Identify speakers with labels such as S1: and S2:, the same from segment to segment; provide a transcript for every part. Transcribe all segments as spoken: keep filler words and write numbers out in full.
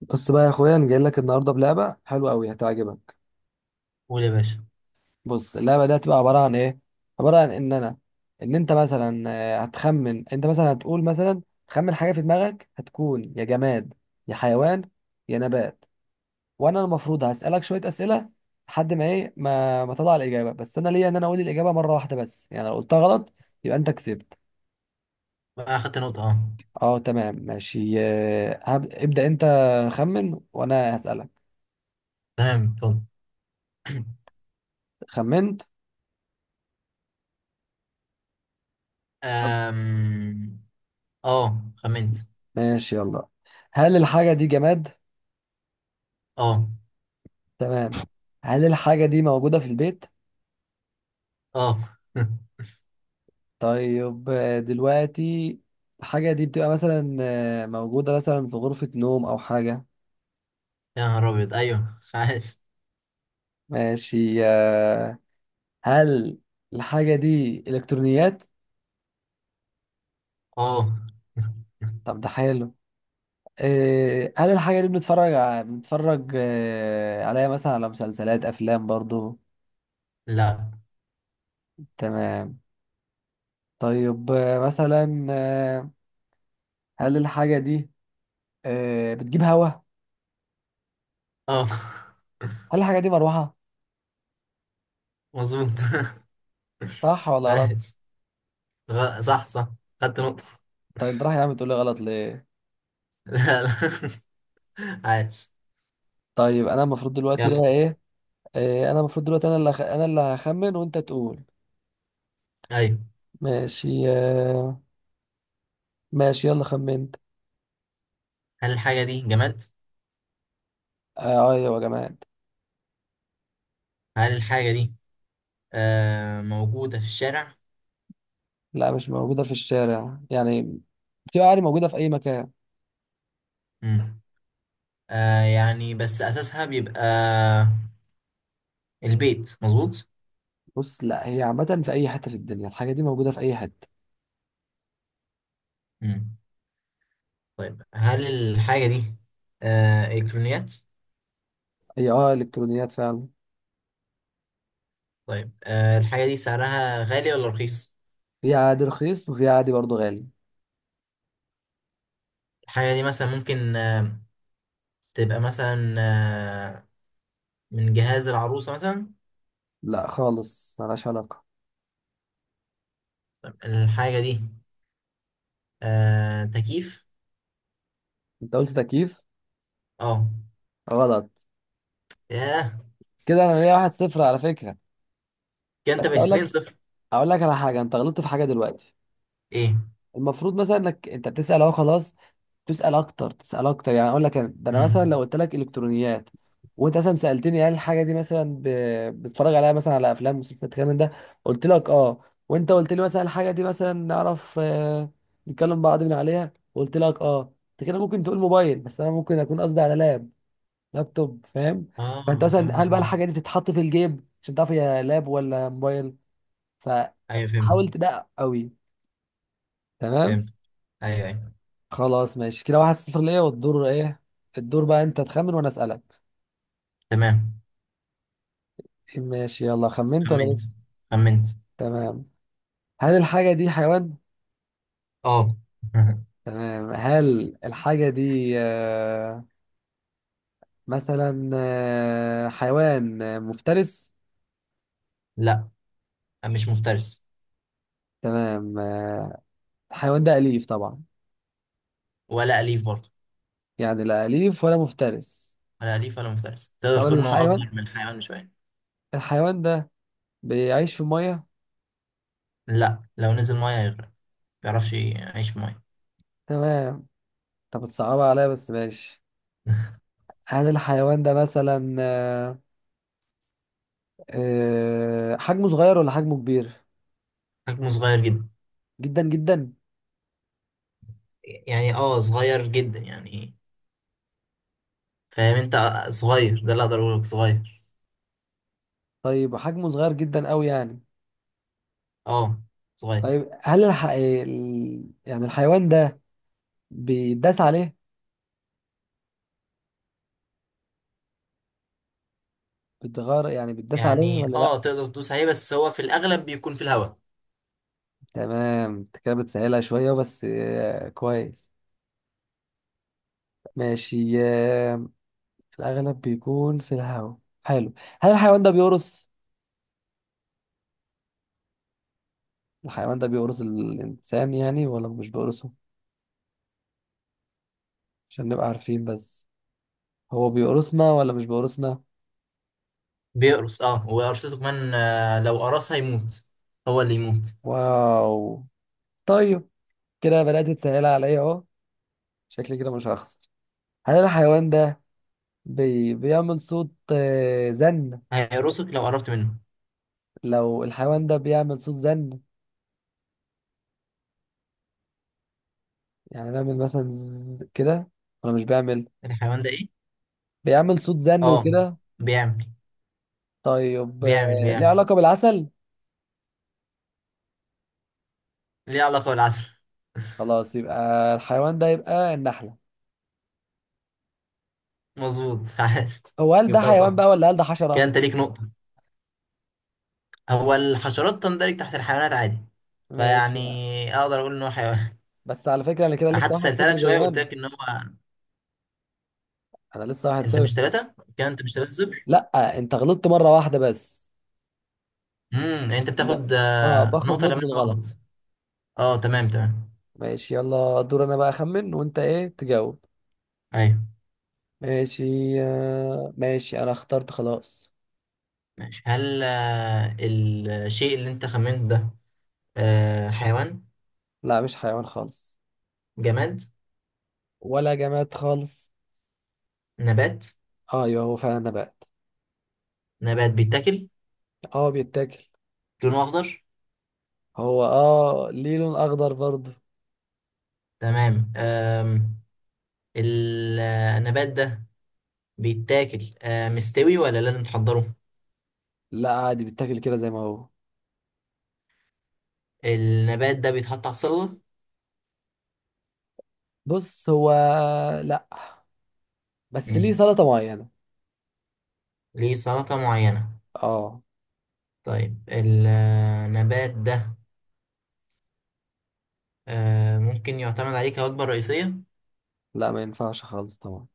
S1: بص بقى يا اخويا، انا جاي لك النهارده بلعبه حلوه قوي هتعجبك.
S2: قول يا باشا.
S1: بص، اللعبه دي هتبقى عباره عن ايه. عباره عن ان انا ان انت مثلا آه، هتخمن. انت مثلا هتقول مثلا تخمن حاجه في دماغك، هتكون يا جماد يا حيوان يا نبات. وانا المفروض هسالك شويه اسئله لحد ما ايه ما ما تطلع الاجابه، بس انا ليا ان انا اقول الاجابه مره واحده بس، يعني لو قلتها غلط يبقى انت كسبت.
S2: بقى اخدت نقطة؟ اه.
S1: اه تمام ماشي، آه، هب- ابدا، انت خمن وانا هسالك.
S2: تمام، اتفضل.
S1: خمنت.
S2: أم... اه خمنت.
S1: ماشي يلا. هل الحاجة دي جماد؟
S2: اه.
S1: تمام. هل الحاجة دي موجودة في البيت؟
S2: اه.
S1: طيب، آه، دلوقتي الحاجة دي بتبقى مثلا آه، موجودة مثلا في غرفة نوم أو حاجة.
S2: يا نهار ابيض، ايوه عايش.
S1: ماشي. آه، هل الحاجة دي إلكترونيات؟
S2: اه.
S1: طب ده حلو. آه، هل الحاجة دي بنتفرج ع- بنتفرج آه، عليها مثلا على مسلسلات أفلام برضو؟
S2: لا.
S1: تمام. طيب آه، مثلا آه، هل الحاجة دي آه، بتجيب هوا؟
S2: اه.
S1: هل الحاجة دي مروحة؟
S2: مظبوط.
S1: صح ولا غلط؟
S2: عايش. غ- صح، صح. خدت نقطة.
S1: طيب راح يا عم تقول لي غلط ليه.
S2: لا، لا. عايش.
S1: طيب، انا المفروض دلوقتي
S2: يلا.
S1: بقى ايه؟ إيه، انا المفروض دلوقتي انا اللي أخ... انا اللي هخمن وانت تقول.
S2: ايوه.
S1: ماشي آه، ماشي يلا خمنت.
S2: هل الحاجة دي جماد؟
S1: آه، ايوه يا جماد.
S2: هل الحاجة دي آه موجودة في الشارع؟
S1: لا مش موجوده في الشارع يعني، بتبقى عادي موجوده في اي مكان.
S2: مم. آه يعني بس أساسها بيبقى البيت، مظبوط؟
S1: بص، لا هي عامه في اي حته، في الدنيا الحاجه دي موجوده في اي حته.
S2: مم. طيب، هل الحاجة دي آه إلكترونيات؟
S1: هي اه الكترونيات فعلا.
S2: طيب آه الحاجة دي سعرها غالي ولا رخيص؟
S1: في عادي رخيص وفي عادي برضو غالي.
S2: الحاجة دي مثلا ممكن آه تبقى مثلا آه من جهاز العروسة مثلا؟
S1: لا خالص، ملهاش علاقه.
S2: طيب الحاجة دي آه تكييف؟
S1: انت قلت تكييف؟
S2: اه.
S1: غلط.
S2: ياه.
S1: كده انا ليا واحد صفر على فكره.
S2: كده
S1: بس
S2: انت
S1: اقول
S2: باتنين
S1: لك
S2: صفر.
S1: اقول لك على حاجه، انت غلطت في حاجه دلوقتي.
S2: ايه؟
S1: المفروض مثلا انك انت بتسال اهو، خلاص تسال اكتر تسال اكتر، يعني اقول لك أنا- ده انا مثلا
S2: مم.
S1: لو قلت لك الكترونيات، وانت مثلا سالتني هل الحاجه دي مثلا ب... بتتفرج عليها مثلا على افلام مسلسلات الكلام من ده، قلت لك اه، وانت قلت لي مثلا الحاجه دي مثلا نعرف آه، نتكلم بعض من عليها، قلت لك اه، انت كده ممكن تقول موبايل بس انا ممكن اكون قصدي على لاب، لابتوب، فاهم.
S2: اه.
S1: فانت مثلا
S2: اه.
S1: هل بقى
S2: اه.
S1: الحاجه دي بتتحط في الجيب عشان تعرف هي لاب ولا موبايل. ف
S2: ايوه فهمت.
S1: حاول تدقق قوي. تمام.
S2: فهمت. ايوه، ايوه.
S1: خلاص ماشي، كده واحد صفر ليا. والدور ايه؟ الدور بقى انت تخمن وانا اسالك.
S2: تمام.
S1: ماشي يلا، خمنت ولا
S2: خمنت،
S1: لسه.
S2: خمنت.
S1: تمام. هل الحاجه دي حيوان؟
S2: اه.
S1: تمام. هل الحاجه دي آه، مثلا آه، حيوان آه، مفترس؟
S2: لا، مش مفترس.
S1: تمام آه، الحيوان ده اليف طبعا.
S2: ولا أليف برضه.
S1: يعني لا اليف ولا مفترس.
S2: ولا أليف ولا مفترس. تقدر
S1: طب
S2: تقول إن هو
S1: الحيوان،
S2: أصغر من الحيوان بشوية.
S1: الحيوان ده بيعيش في الميه.
S2: لا، لو نزل مية هيغرق، ما بيعرفش يعيش في مية.
S1: تمام. طب بتصعبها عليا بس ماشي. هل الحيوان ده مثلا آه، أه حجمه صغير ولا حجمه كبير؟
S2: حجمه صغير جدا.
S1: جدا جدا.
S2: يعني اه صغير جدا يعني. فاهم انت، آه، صغير ده اللي اقدر اقوله لك. صغير.
S1: طيب حجمه صغير جدا قوي يعني.
S2: اه، صغير.
S1: طيب هل الح... آه، ال- يعني الحيوان ده بيتداس عليه؟ بتغار يعني بيتداس عليه
S2: يعني
S1: ولا لا؟
S2: اه تقدر تدوس عليه، بس هو في الاغلب بيكون في الهواء.
S1: تمام، انت كده بتسهلها شوية بس آه، كويس. ماشي آه، الأغلب بيكون في الهواء. حلو. هل الحيوان ده بيقرص؟ الحيوان ده بيقرص الإنسان يعني ولا مش بيقرصه؟ عشان نبقى عارفين بس، هو بيقرصنا ولا مش بيقرصنا؟
S2: بيقرص اه، وقرصته كمان، آه، لو قرص هيموت. هو اللي يموت.
S1: واو. طيب، كده بدأت تسهل عليا اهو. شكلي كده مش هخسر. هل الحيوان ده بي... بيعمل صوت آه، زن؟
S2: هيقرصك لو قربت منه.
S1: لو الحيوان ده بيعمل صوت زن، يعني بيعمل مثلا ز... كده ولا مش بيعمل؟
S2: الحيوان ده ايه؟
S1: بيعمل صوت زن
S2: اه،
S1: وكده.
S2: بيعمل
S1: طيب،
S2: بيعمل
S1: آه، ليه
S2: بيعمل
S1: علاقة بالعسل؟
S2: ليه علاقة بالعسل.
S1: خلاص يبقى الحيوان ده يبقى النحلة.
S2: مظبوط. عاش.
S1: هو هل ده
S2: جبتها
S1: حيوان
S2: صح.
S1: بقى ولا هل ده
S2: كده
S1: حشرة؟
S2: انت ليك نقطة. هو الحشرات تندرج تحت الحيوانات عادي.
S1: ماشي.
S2: فيعني اقدر اقول ان هو حيوان.
S1: بس على فكرة انا كده
S2: انا
S1: لسه
S2: حتى
S1: واحد
S2: سألتها
S1: صفر
S2: لك
S1: زي
S2: شوية
S1: ما
S2: وقلت
S1: انا.
S2: لك ان هو.
S1: انا لسه واحد
S2: انت
S1: صفر.
S2: مش ثلاثة كده انت مش ثلاثة صفر.
S1: لا انت غلطت مرة واحدة بس.
S2: امم انت
S1: إن...
S2: بتاخد
S1: اه
S2: آه،
S1: باخد
S2: نقطة
S1: نقطة
S2: لما انا
S1: الغلط.
S2: غلط. اه، تمام، تمام.
S1: ماشي يلا، دور انا بقى اخمن وانت ايه تجاوب.
S2: ايوه
S1: ماشي آه، ماشي انا اخترت خلاص.
S2: ماشي. هل آه، الشيء اللي انت خمنته ده، آه، حيوان؟
S1: لا مش حيوان خالص.
S2: جماد؟
S1: ولا جماد خالص.
S2: نبات؟
S1: آه، ايوه هو فعلا نبات.
S2: نبات بيتاكل.
S1: اه بيتاكل.
S2: لونه اخضر.
S1: هو اه ليه لون اخضر برضه.
S2: تمام. آم، ال- آه، النبات ده بيتاكل آه مستوي ولا لازم تحضره؟
S1: لا عادي بيتاكل كده زي ما هو.
S2: النبات ده بيتحط على السلطة؟
S1: بص هو، لا، بس ليه
S2: مم.
S1: سلطة معينة.
S2: ليه سلطة معينة.
S1: اه.
S2: طيب، النبات ده آه ممكن يعتمد عليه كوجبة رئيسية؟
S1: لا ما ينفعش خالص طبعا.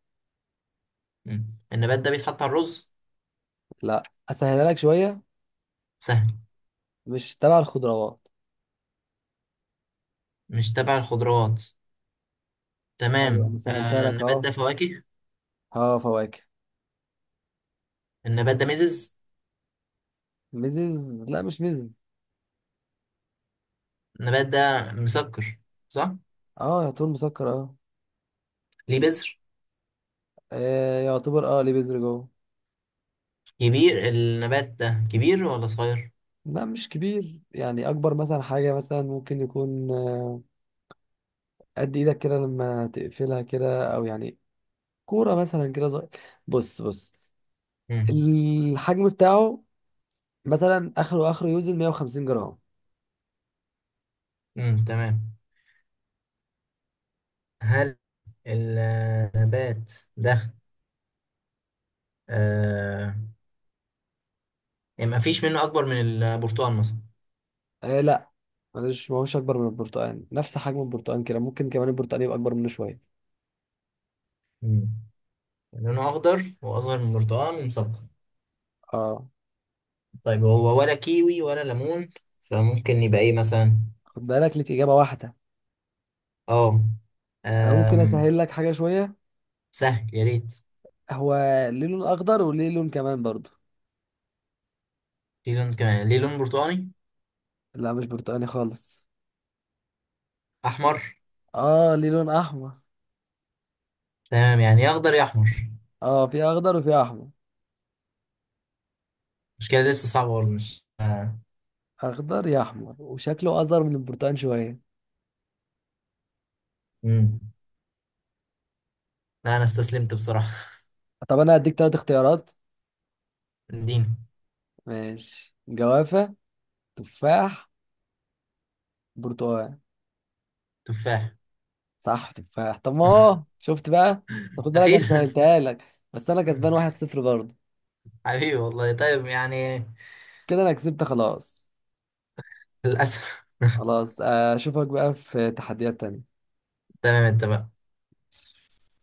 S2: مم. النبات ده بيتحط على الرز؟
S1: لا اسهلها لك شوية.
S2: سهل.
S1: مش تبع الخضروات.
S2: مش تبع الخضروات.
S1: ايوه انا
S2: تمام،
S1: سهلتها
S2: آه
S1: لك
S2: النبات
S1: اهو.
S2: ده فواكه.
S1: اه فواكه.
S2: النبات ده مزز؟
S1: ميزيز لا مش ميزيز.
S2: النبات ده مسكر؟ صح.
S1: اه يعتبر مسكر اه.
S2: ليه بذر.
S1: آه، يعتبر اه ليه بذر جوه.
S2: كبير النبات ده كبير ولا صغير؟
S1: لا مش كبير، يعني اكبر مثلا حاجة مثلا ممكن يكون آه، قد ايدك كده لما تقفلها كده، او يعني كورة مثلا كده صغير. بص بص.
S2: مم.
S1: الحجم بتاعه مثلا اخره اخره يوزن 150 جرام.
S2: مم. تمام. هل النبات ده آه يعني ما فيش منه اكبر من البرتقال مثلا؟
S1: آه لا معلش، ما هوش اكبر من البرتقال، نفس حجم البرتقال كده، ممكن كمان البرتقال يبقى اكبر منه شوية.
S2: مم. لونه اخضر واصغر من البرتقال ومسكر.
S1: اه.
S2: طيب، هو ولا كيوي ولا ليمون؟ فممكن يبقى ايه مثلا؟
S1: خد بالك ليك اجابة واحدة.
S2: اه.
S1: انا ممكن
S2: آم،
S1: اسهل لك حاجة شوية.
S2: سهل يا ريت.
S1: هو ليه لون اخضر وليه لون كمان برضو.
S2: ليه لون كمان ليه لون برتقاني؟
S1: لا مش برتقالي خالص.
S2: احمر.
S1: اه ليه لون احمر.
S2: تمام، يعني يا اخضر يا احمر.
S1: اه في اخضر وفي احمر.
S2: المشكله لسه صعبه برضه، مش آه.
S1: اخضر يا احمر وشكله اصغر من البرتقال شويه.
S2: مم. لا، انا استسلمت بصراحه.
S1: طب انا هديك ثلاث اختيارات:
S2: اديني.
S1: ماشي، جوافه، تفاح، برتقال.
S2: تفاح.
S1: صح تفاح. طب ما هو شفت بقى. طب خد بالك انا
S2: اخيرا.
S1: سهلتها لك بس انا كسبان واحد صفر برضه.
S2: حبيبي والله، طيب يعني.
S1: كده انا كسبت خلاص.
S2: للاسف.
S1: خلاص آه، اشوفك بقى في تحديات تانية.
S2: تمام، اتفقنا.